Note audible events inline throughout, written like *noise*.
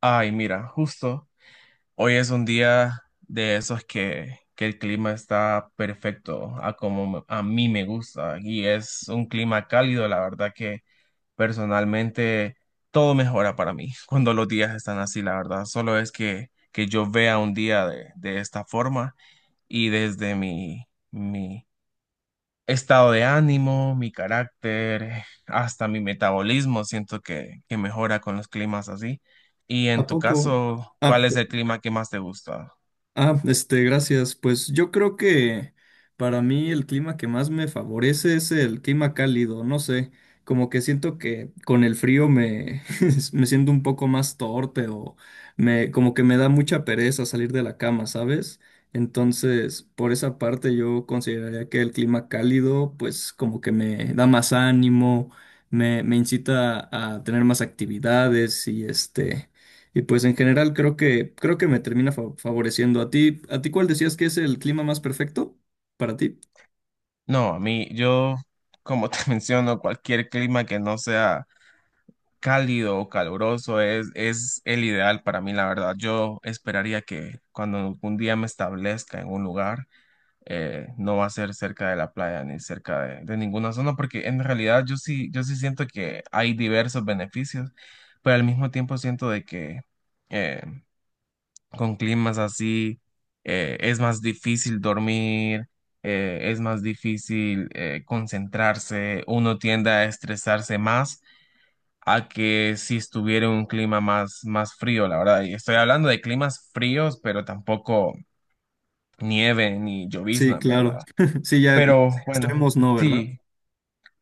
Ay, mira, justo hoy es un día de esos que el clima está perfecto a mí me gusta y es un clima cálido, la verdad que personalmente todo mejora para mí *laughs* cuando los días están así, la verdad. Solo es que yo vea un día de esta forma y desde mi, estado de ánimo, mi carácter, hasta mi metabolismo, siento que mejora con los climas así. Y ¿A en tu poco? caso, Ah, ¿cuál p- es el clima que más te gusta? Gracias. Pues yo creo que para mí el clima que más me favorece es el clima cálido. No sé, como que siento que con el frío *laughs* me siento un poco más torpe como que me da mucha pereza salir de la cama, ¿sabes? Entonces, por esa parte yo consideraría que el clima cálido, pues como que me da más ánimo, me incita a tener más actividades y pues en general creo que me termina favoreciendo a ti. ¿A ti cuál decías que es el clima más perfecto para ti? No, a mí, yo, como te *laughs* menciono, cualquier clima que no sea cálido o caluroso es el ideal para mí, la verdad. Yo esperaría que cuando un día me establezca en un lugar, no va a ser cerca de la playa ni cerca de ninguna zona, porque en realidad yo sí siento que hay diversos beneficios, pero al mismo tiempo siento de que eh, con climas así es más difícil dormir, es más difícil concentrarse, uno tiende a estresarse más. A que si estuviera un clima más frío, la verdad. Y estoy hablando de climas fríos, pero tampoco nieve ni Sí, llovizna, ¿verdad? claro. *laughs* Sí, ya Pero bueno, extremos no, ¿verdad? sí,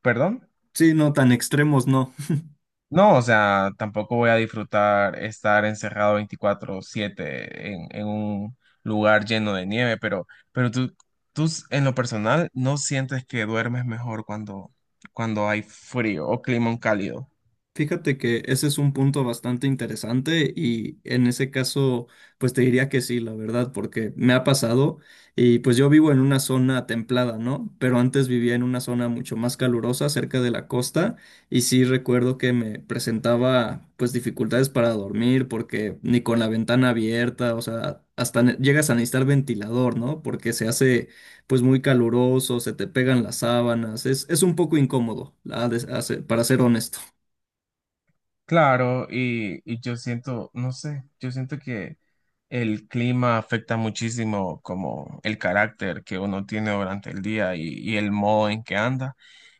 perdón. Sí, no, tan extremos no. No, o sea, tampoco voy a disfrutar estar encerrado 24/7 en un lugar lleno de nieve, pero, pero tú, en lo personal no sientes que duermes mejor cuando, cuando hay frío o clima cálido. Fíjate que ese es un punto bastante interesante y en ese caso, pues te diría que sí, la verdad, porque me ha pasado y pues yo vivo en una zona templada, ¿no? Pero antes vivía en una zona mucho más calurosa cerca de la costa y sí recuerdo que me presentaba pues dificultades para dormir porque ni con la ventana abierta, o sea, hasta llegas a necesitar ventilador, ¿no? Porque se hace pues muy caluroso, se te pegan las sábanas, es un poco incómodo, la de- a ser- para ser honesto. Claro, y yo siento, no sé, yo siento que el clima afecta muchísimo como el carácter que uno tiene durante el día y el modo en que anda.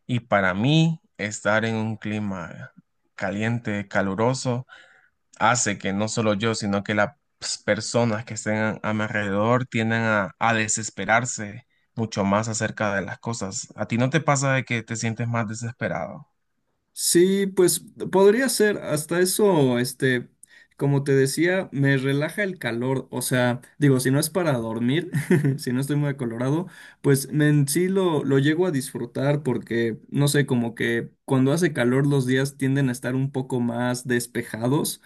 Y para mí, estar en un clima caliente, caluroso, hace que no solo yo, sino que las personas que estén a mi alrededor tienden a desesperarse mucho más acerca de las cosas. ¿A ti no te pasa de que te sientes más desesperado? Sí, pues podría ser, hasta eso, este, como te decía, me relaja el calor, o sea, digo, si no es para dormir, *laughs* si no estoy muy acolorado, en sí lo llego a disfrutar porque, no sé, como que cuando hace calor los días tienden a estar un poco más despejados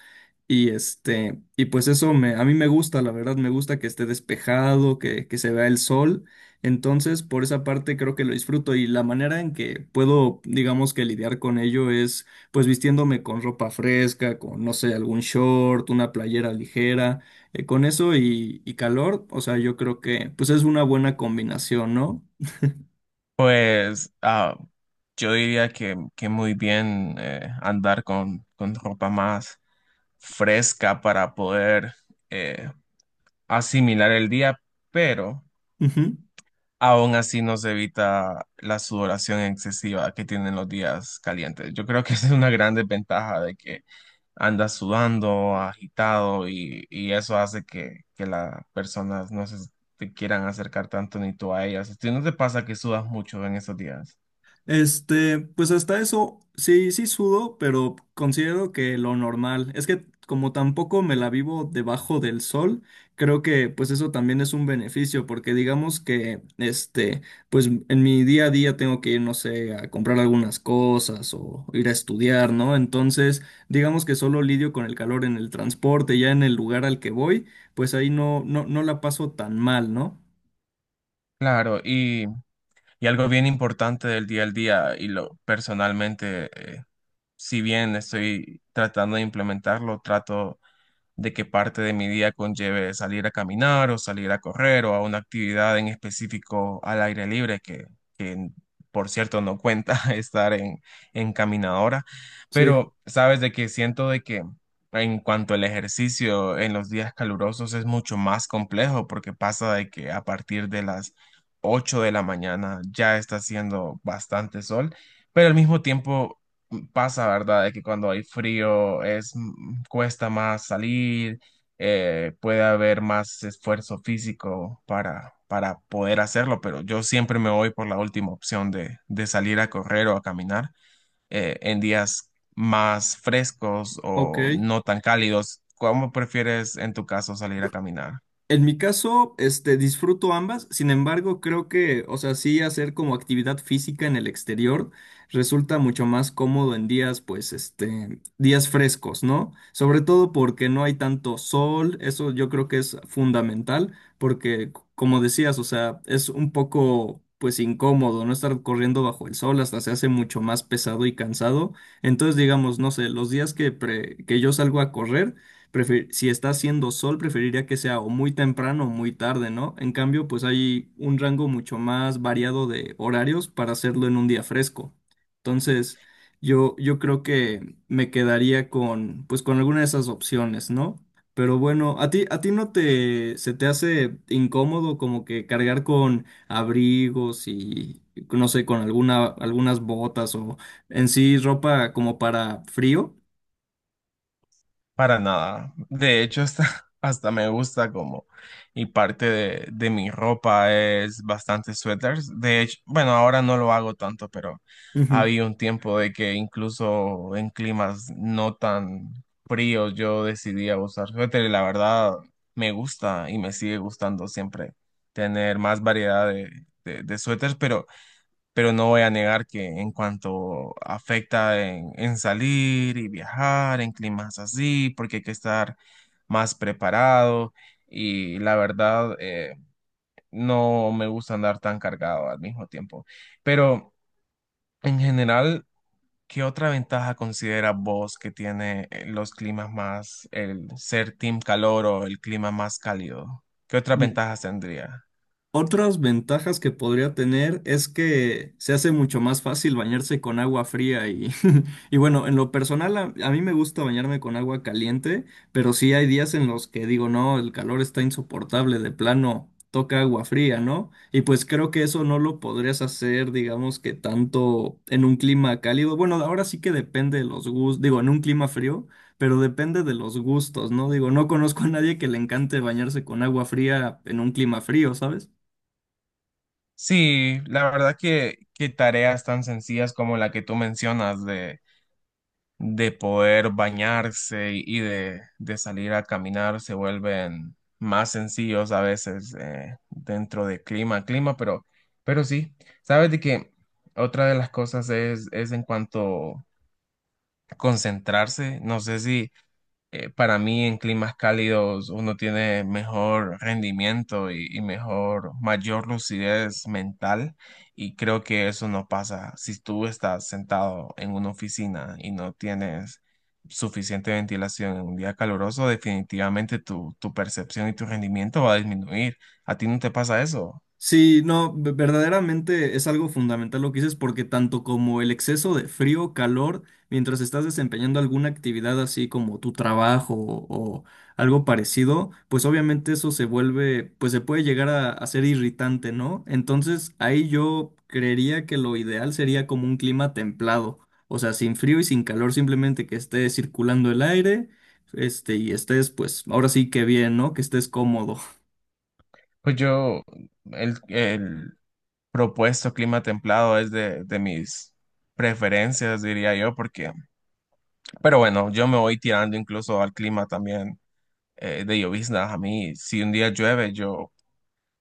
y este, y pues eso a mí me gusta, la verdad, me gusta que esté despejado, que se vea el sol. Entonces, por esa parte creo que lo disfruto y la manera en que puedo, digamos que lidiar con ello es pues vistiéndome con ropa fresca, con, no sé, algún short, una playera ligera, con eso y calor, o sea, yo creo que pues es una buena combinación, ¿no? Pues ah, yo diría que muy bien andar con ropa más fresca para poder eh, asimilar el día, pero Ujú. aún así nos evita la sudoración excesiva que tienen los días calientes. Yo creo que *laughs* esa es una gran desventaja de que andas sudando, agitado y eso hace que las personas no se te quieran acercar tanto ni tú a ellas. ¿A ti no te pasa que sudas mucho en esos días? Este, pues hasta eso, sí, sí sudo, pero considero que lo normal. Es que como tampoco me la vivo debajo del sol, creo que pues eso también es un beneficio, porque digamos que, este, pues en mi día a día tengo que ir, no sé, a comprar algunas cosas o ir a estudiar, ¿no? Entonces, digamos que solo lidio con el calor en el transporte, ya en el lugar al que voy, pues ahí no la paso tan mal, ¿no? Claro, y algo bien importante del día al día, y lo personalmente, eh, si bien estoy tratando de implementarlo, trato de que parte de mi día conlleve salir a caminar o salir a correr o a una actividad en específico al aire libre, que, por cierto no cuenta *laughs* estar en caminadora, Sí, pero sabes de que siento de que en cuanto al ejercicio en los días calurosos es mucho más complejo porque pasa de que a partir de las 8 de la mañana ya está haciendo bastante sol, pero al mismo tiempo pasa, ¿verdad? De que cuando hay frío es cuesta más salir, puede haber más esfuerzo físico para poder hacerlo, pero yo siempre me voy por la última opción de salir a correr o a caminar en días más frescos ok. o no tan cálidos. ¿Cómo prefieres en tu caso salir a caminar? En mi caso, este, disfruto ambas, sin embargo, creo que, o sea, sí hacer como actividad física en el exterior resulta mucho más cómodo en días, pues, este, días frescos, ¿no? Sobre todo porque no hay tanto sol, eso yo creo que es fundamental, porque, como decías, o sea, es un poco, pues, incómodo, ¿no? Estar corriendo bajo el sol hasta se hace mucho más pesado y cansado. Entonces, digamos, no sé, los días que yo salgo a correr, si está haciendo sol, preferiría que sea o muy temprano o muy tarde, ¿no? En cambio, pues hay un rango mucho más variado de horarios para hacerlo en un día fresco. Entonces, yo creo que me quedaría con, pues, con alguna de esas opciones, ¿no? Pero bueno, a ti no te, se te hace incómodo como que cargar con abrigos y, no sé, con algunas botas o en sí ropa como para frío? Para nada. De hecho, hasta, *laughs* hasta me gusta como, y parte de mi ropa es bastante suéteres. De hecho, bueno, ahora no lo hago tanto, pero Ujú. había un tiempo de que incluso en climas no tan fríos yo decidía usar suéter y la verdad me gusta y me sigue gustando siempre tener más variedad de suéteres, pero no voy a negar que en cuanto afecta en salir y viajar en climas así, porque hay que estar más preparado y la verdad no me gusta andar tan cargado al mismo tiempo. Pero en general, ¿qué otra ventaja considera vos que tiene los climas más, el ser team calor o el clima más cálido? ¿Qué otras ventajas tendría? Otras ventajas que podría tener es que se hace mucho más fácil bañarse con agua fría *laughs* y bueno, en lo personal a mí me gusta bañarme con agua caliente, pero sí hay días en los que digo, no, el calor está insoportable, de plano toca agua fría, ¿no? Y pues creo que eso no lo podrías hacer, digamos que tanto en un clima cálido. Bueno, ahora sí que depende de los gustos, digo, en un clima frío, pero depende de los gustos, ¿no? Digo, no conozco a nadie que le encante bañarse con agua fría en un clima frío, ¿sabes? Sí, la verdad que tareas tan sencillas como la que tú mencionas de poder bañarse y de salir a caminar se vuelven más sencillos a veces dentro de clima a clima, pero sí, sabes de que otra de las cosas es en cuanto a concentrarse, no sé si para mí en climas cálidos uno tiene mejor rendimiento y mejor, mayor lucidez mental y creo que eso no pasa si tú estás sentado en una oficina y no tienes suficiente ventilación en un día caluroso, definitivamente tu, tu percepción y tu rendimiento va a disminuir. ¿A ti no te pasa eso? Sí, no, verdaderamente es algo fundamental lo que dices porque tanto como el exceso de frío, calor, mientras estás desempeñando alguna actividad así como tu trabajo o algo parecido, pues obviamente eso se vuelve, pues se puede llegar a ser irritante, ¿no? Entonces ahí yo creería que lo ideal sería como un clima templado, o sea, sin frío y sin calor, simplemente que esté circulando el aire, este, y estés, pues ahora sí que bien, ¿no? Que estés cómodo. Pues yo, el propuesto clima templado es de mis preferencias, diría yo, porque. Pero bueno, yo me voy tirando incluso al clima también de lloviznas. A mí, si un día llueve, yo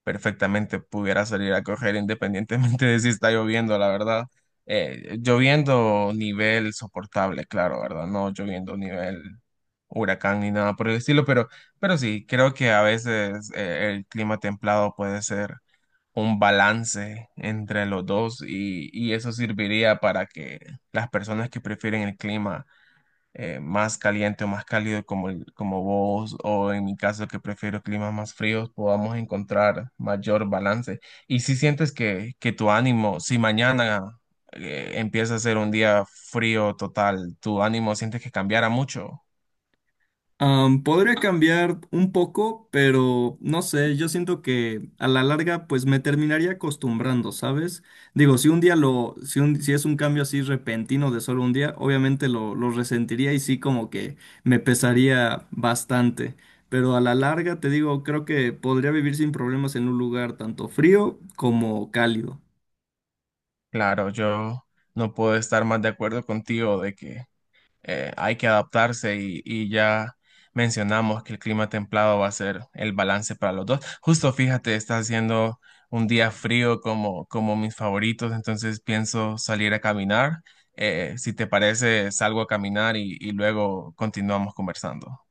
perfectamente pudiera salir a correr independientemente *laughs* de si está lloviendo, la verdad. Lloviendo nivel soportable, claro, ¿verdad? No lloviendo nivel huracán ni nada por el estilo, pero sí, creo que a veces el clima templado puede ser un balance entre los dos y eso serviría para que las personas que prefieren el clima más caliente o más cálido como, como vos o en mi caso que prefiero climas más fríos, podamos encontrar mayor balance. Y si sientes que tu ánimo, si mañana empieza a ser un día frío total, tu ánimo sientes que cambiara mucho. Am, podría cambiar un poco, pero no sé, yo siento que a la larga pues me terminaría acostumbrando, ¿sabes? Digo, si un día lo, si un- si es un cambio así repentino de solo un día, obviamente lo resentiría y sí como que me pesaría bastante, pero a la larga te digo, creo que podría vivir sin problemas en un lugar tanto frío como cálido. Claro, yo no puedo estar más de acuerdo contigo de que hay que adaptarse y ya mencionamos que el clima templado va a ser el balance para los dos. Justo fíjate, está haciendo un día frío como, como mis favoritos, entonces pienso salir a caminar. Si te parece, salgo a caminar y luego continuamos conversando.